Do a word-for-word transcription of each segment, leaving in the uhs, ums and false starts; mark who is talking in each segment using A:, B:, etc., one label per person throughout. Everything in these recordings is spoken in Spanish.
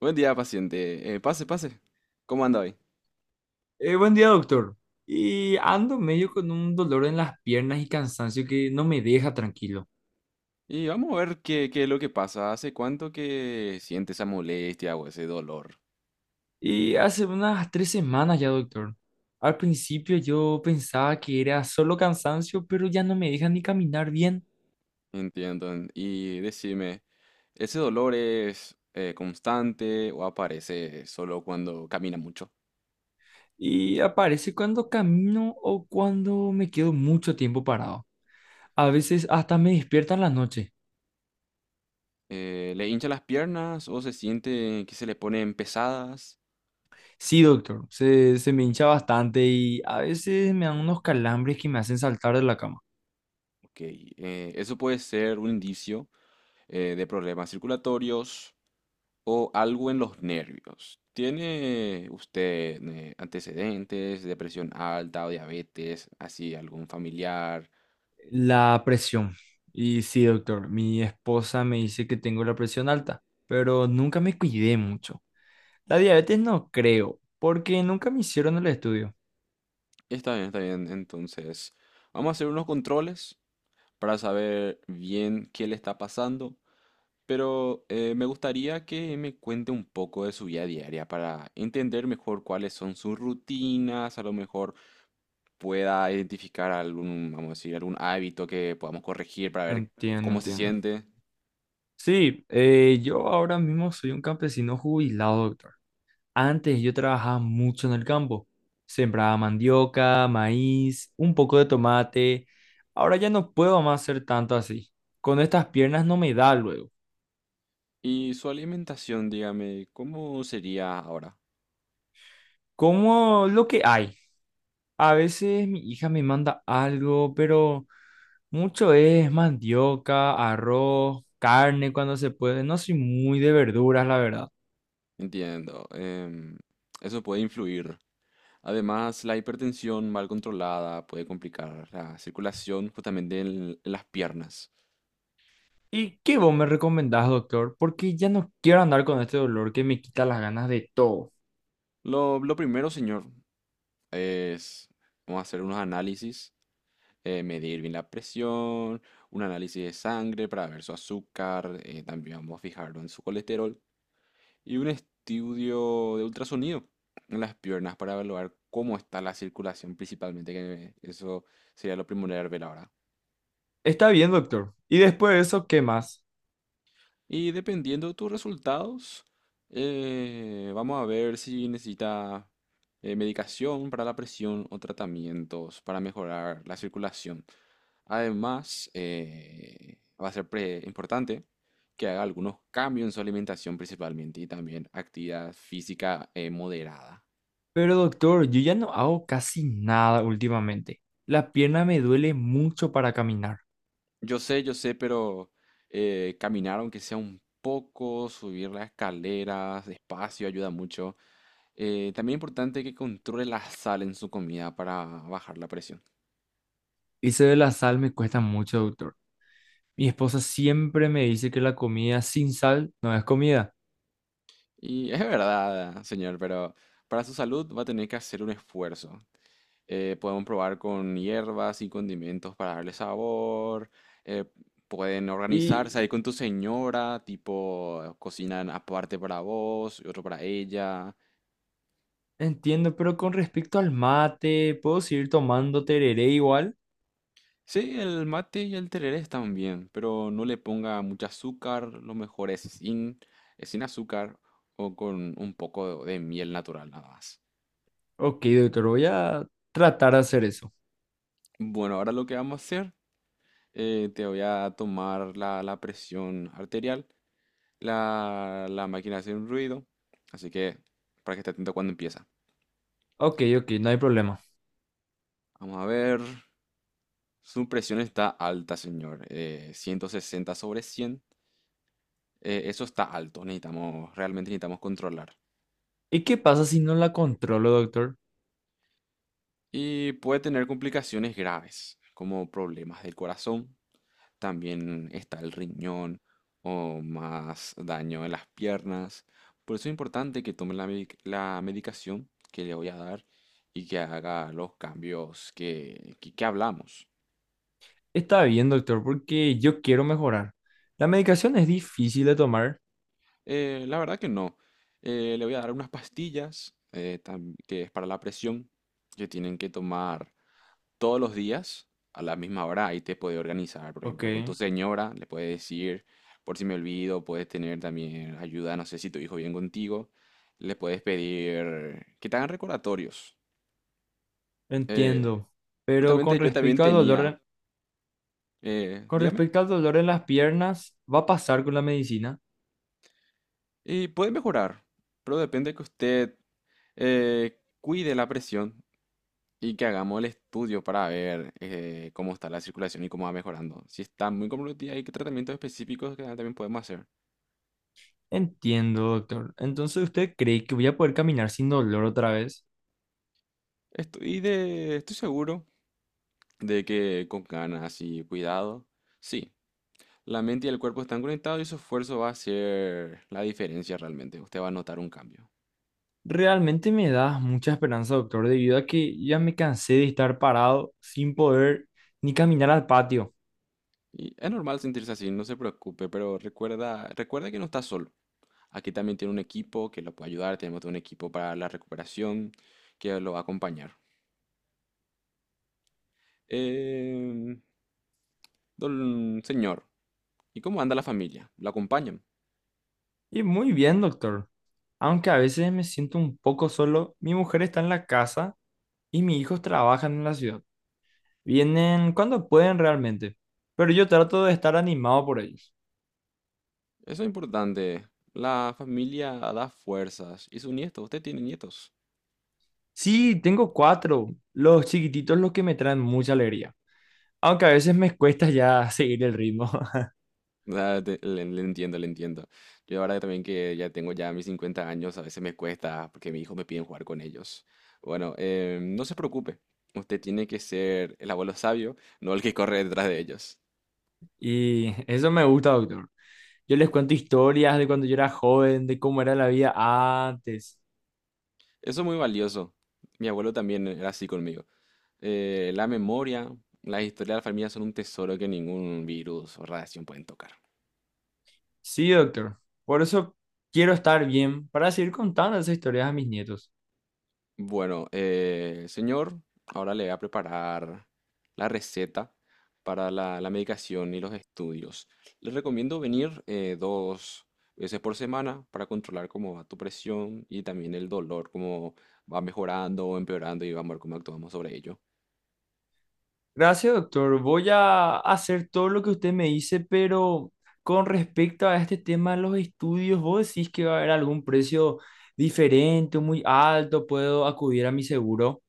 A: Buen día, paciente. Eh, pase, pase. ¿Cómo anda hoy?
B: Eh, buen día, doctor. Y ando medio con un dolor en las piernas y cansancio que no me deja tranquilo.
A: Y vamos a ver qué, qué es lo que pasa. ¿Hace cuánto que siente esa molestia o ese dolor?
B: Y hace unas tres semanas ya, doctor. Al principio yo pensaba que era solo cansancio, pero ya no me deja ni caminar bien.
A: Entiendo. en- Y decime, ¿ese dolor es eh, constante o aparece solo cuando camina mucho?
B: Y aparece cuando camino o cuando me quedo mucho tiempo parado. A veces hasta me despierta en la noche.
A: Eh, ¿le hincha las piernas o se siente que se le ponen pesadas?
B: Sí, doctor, se, se me hincha bastante y a veces me dan unos calambres que me hacen saltar de la cama.
A: Ok, eh, eso puede ser un indicio eh, de problemas circulatorios o algo en los nervios. ¿Tiene usted eh, antecedentes, depresión alta o diabetes, así algún familiar?
B: La presión. Y sí, doctor, mi esposa me dice que tengo la presión alta, pero nunca me cuidé mucho. La diabetes no creo, porque nunca me hicieron el estudio.
A: Está bien, está bien. Entonces, vamos a hacer unos controles para saber bien qué le está pasando, pero eh, me gustaría que me cuente un poco de su vida diaria para entender mejor cuáles son sus rutinas, a lo mejor pueda identificar algún, vamos a decir, algún hábito que podamos corregir para ver
B: Entiendo,
A: cómo se
B: entiendo.
A: siente.
B: Sí, eh, yo ahora mismo soy un campesino jubilado, doctor. Antes yo trabajaba mucho en el campo. Sembraba mandioca, maíz, un poco de tomate. Ahora ya no puedo más hacer tanto así. Con estas piernas no me da luego.
A: Y su alimentación, dígame, ¿cómo sería ahora?
B: Como lo que hay. A veces mi hija me manda algo, pero mucho es mandioca, arroz, carne cuando se puede. No soy muy de verduras, la verdad.
A: Entiendo. Em, eso puede influir. Además, la hipertensión mal controlada puede complicar la circulación justamente en, en las piernas.
B: ¿Y qué vos me recomendás, doctor? Porque ya no quiero andar con este dolor que me quita las ganas de todo.
A: Lo, lo primero, señor, es vamos a hacer unos análisis, eh, medir bien la presión, un análisis de sangre para ver su azúcar, eh, también vamos a fijarlo en su colesterol. Y un estudio de ultrasonido en las piernas para evaluar cómo está la circulación principalmente, que eso sería lo primordial ver ahora.
B: Está bien, doctor. Y después de eso, ¿qué más?
A: Y dependiendo de tus resultados, eh, vamos a ver si necesita eh, medicación para la presión o tratamientos para mejorar la circulación. Además, eh, va a ser pre- importante que haga algunos cambios en su alimentación principalmente y también actividad física eh, moderada.
B: Pero, doctor, yo ya no hago casi nada últimamente. La pierna me duele mucho para caminar.
A: Yo sé, yo sé, pero eh, caminar aunque sea un poco, subir las escaleras despacio ayuda mucho. Eh, también es importante que controle la sal en su comida para bajar la presión.
B: Y eso de la sal me cuesta mucho, doctor. Mi esposa siempre me dice que la comida sin sal no es comida.
A: Y es verdad, señor, pero para su salud va a tener que hacer un esfuerzo. Eh, podemos probar con hierbas y condimentos para darle sabor. Eh, pueden
B: Y
A: organizarse ahí con tu señora, tipo, cocinan aparte para vos y otro para ella.
B: entiendo, pero con respecto al mate, ¿puedo seguir tomando tereré igual?
A: Sí, el mate y el tereré están bien, pero no le ponga mucho azúcar, lo mejor es sin, es sin azúcar o con un poco de, de miel natural nada más.
B: Ok, doctor, voy a tratar de hacer eso.
A: Bueno, ahora lo que vamos a hacer, eh, te voy a tomar la, la presión arterial, la, la máquina hace un ruido, así que para que esté atento cuando empieza.
B: Ok, ok, no hay problema.
A: Vamos a ver, su presión está alta, señor, eh, ciento sesenta sobre cien, eh, eso está alto, necesitamos, realmente necesitamos controlar.
B: ¿Y qué pasa si no la controlo, doctor?
A: Y puede tener complicaciones graves, como problemas del corazón, también está el riñón o más daño en las piernas. Por eso es importante que tome la, medic- la medicación que le voy a dar y que haga los cambios que, que, que hablamos.
B: Está bien, doctor, porque yo quiero mejorar. La medicación es difícil de tomar.
A: Eh, la verdad que no. Eh, le voy a dar unas pastillas eh, tam- que es para la presión que tienen que tomar todos los días a la misma hora, ahí te puedes organizar, por
B: Ok,
A: ejemplo, con tu señora, le puedes decir, por si me olvido, puedes tener también ayuda, no sé si tu hijo viene contigo, le puedes pedir que te hagan recordatorios. Eh,
B: entiendo. Pero con
A: Justamente yo también
B: respecto al dolor,
A: tenía,
B: en-
A: eh,
B: con
A: dígame,
B: respecto al dolor en las piernas, ¿va a pasar con la medicina?
A: y puede mejorar, pero depende que usted eh, cuide la presión y que hagamos el estudio para ver eh, cómo está la circulación y cómo va mejorando. Si está muy comprometida, hay que tratamientos específicos que también podemos hacer.
B: Entiendo, doctor. Entonces, ¿usted cree que voy a poder caminar sin dolor otra vez?
A: Estoy de, estoy seguro de que con ganas y cuidado, sí, la mente y el cuerpo están conectados y su esfuerzo va a ser la diferencia realmente. Usted va a notar un cambio.
B: Realmente me das mucha esperanza, doctor, debido a que ya me cansé de estar parado sin poder ni caminar al patio.
A: Y es normal sentirse así, no se preocupe, pero recuerda, recuerda que no está solo. Aquí también tiene un equipo que lo puede ayudar, tenemos todo un equipo para la recuperación que lo va a acompañar. Eh, don señor, ¿y cómo anda la familia? ¿La acompañan?
B: Y muy bien, doctor. Aunque a veces me siento un poco solo, mi mujer está en la casa y mis hijos trabajan en la ciudad. Vienen cuando pueden realmente, pero yo trato de estar animado por ellos.
A: Eso es importante. La familia da fuerzas. Y su nieto, usted tiene nietos.
B: Sí, tengo cuatro, los chiquititos los que me traen mucha alegría. Aunque a veces me cuesta ya seguir el ritmo.
A: Ah, te- le, le entiendo, le entiendo. Yo ahora también que ya tengo ya mis cincuenta años, a veces me cuesta porque mis hijos me piden jugar con ellos. Bueno, eh, no se preocupe. Usted tiene que ser el abuelo sabio, no el que corre detrás de ellos.
B: Y eso me gusta, doctor. Yo les cuento historias de cuando yo era joven, de cómo era la vida antes.
A: Eso es muy valioso. Mi abuelo también era así conmigo. Eh, la memoria, la historia de la familia son un tesoro que ningún virus o radiación pueden tocar.
B: Sí, doctor. Por eso quiero estar bien para seguir contando esas historias a mis nietos.
A: Bueno, eh, señor, ahora le voy a preparar la receta para la, la medicación y los estudios. Le recomiendo venir eh, dos veces por semana para controlar cómo va tu presión y también el dolor, cómo va mejorando o empeorando y vamos a ver cómo actuamos sobre ello.
B: Gracias, doctor. Voy a hacer todo lo que usted me dice, pero con respecto a este tema de los estudios, ¿vos decís que va a haber algún precio diferente, muy alto? ¿Puedo acudir a mi seguro?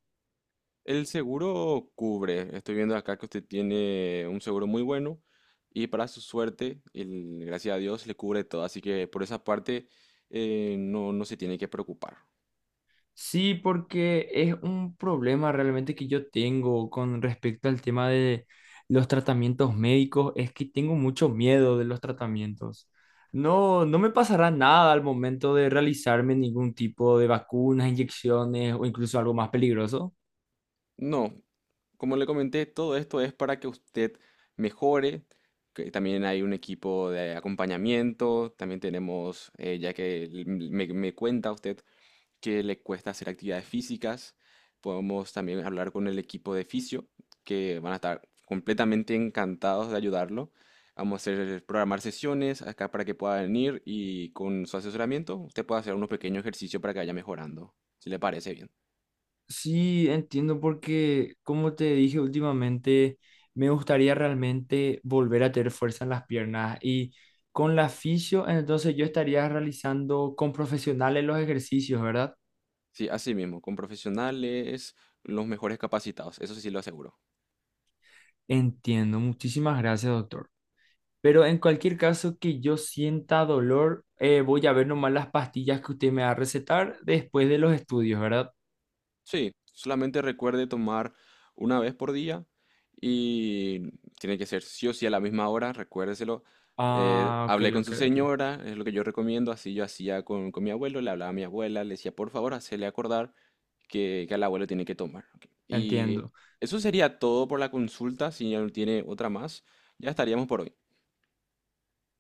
A: El seguro cubre, estoy viendo acá que usted tiene un seguro muy bueno y para su suerte, el- gracias a Dios, le cubre todo, así que por esa parte eh, no, no se tiene que preocupar.
B: Sí, porque es un problema realmente que yo tengo con respecto al tema de los tratamientos médicos, es que tengo mucho miedo de los tratamientos. No, no me pasará nada al momento de realizarme ningún tipo de vacunas, inyecciones o incluso algo más peligroso.
A: No, como le comenté, todo esto es para que usted mejore. Que también hay un equipo de acompañamiento. También tenemos, eh, ya que l- m- me, me cuenta usted que le cuesta hacer actividades físicas, podemos también hablar con el equipo de fisio, que van a estar completamente encantados de ayudarlo. Vamos a hacer programar sesiones acá para que pueda venir y con su asesoramiento usted pueda hacer unos pequeños ejercicios para que vaya mejorando, si le parece bien.
B: Sí, entiendo porque, como te dije últimamente, me gustaría realmente volver a tener fuerza en las piernas y con la fisio, entonces yo estaría realizando con profesionales los ejercicios, ¿verdad?
A: Sí, así mismo, con profesionales, los mejores capacitados, eso sí lo aseguro.
B: Entiendo, muchísimas gracias, doctor. Pero en cualquier caso que yo sienta dolor, eh, voy a ver nomás las pastillas que usted me va a recetar después de los estudios, ¿verdad?
A: Sí, solamente recuerde tomar una vez por día y tiene que ser sí o sí a la misma hora, recuérdeselo. Eh,
B: Ah, ok,
A: hablé con
B: ok,
A: su
B: ok,
A: señora, es lo que yo recomiendo, así yo hacía con, con mi abuelo, le hablaba a mi abuela, le decía, por favor, hacele acordar que, que al abuelo tiene que tomar. Ok. Y
B: entiendo.
A: eso sería todo por la consulta, si ya no tiene otra más, ya estaríamos por hoy.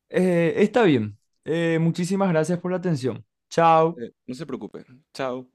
B: Eh, está bien. Eh, muchísimas gracias por la atención. Chao.
A: Eh, no se preocupe, chao.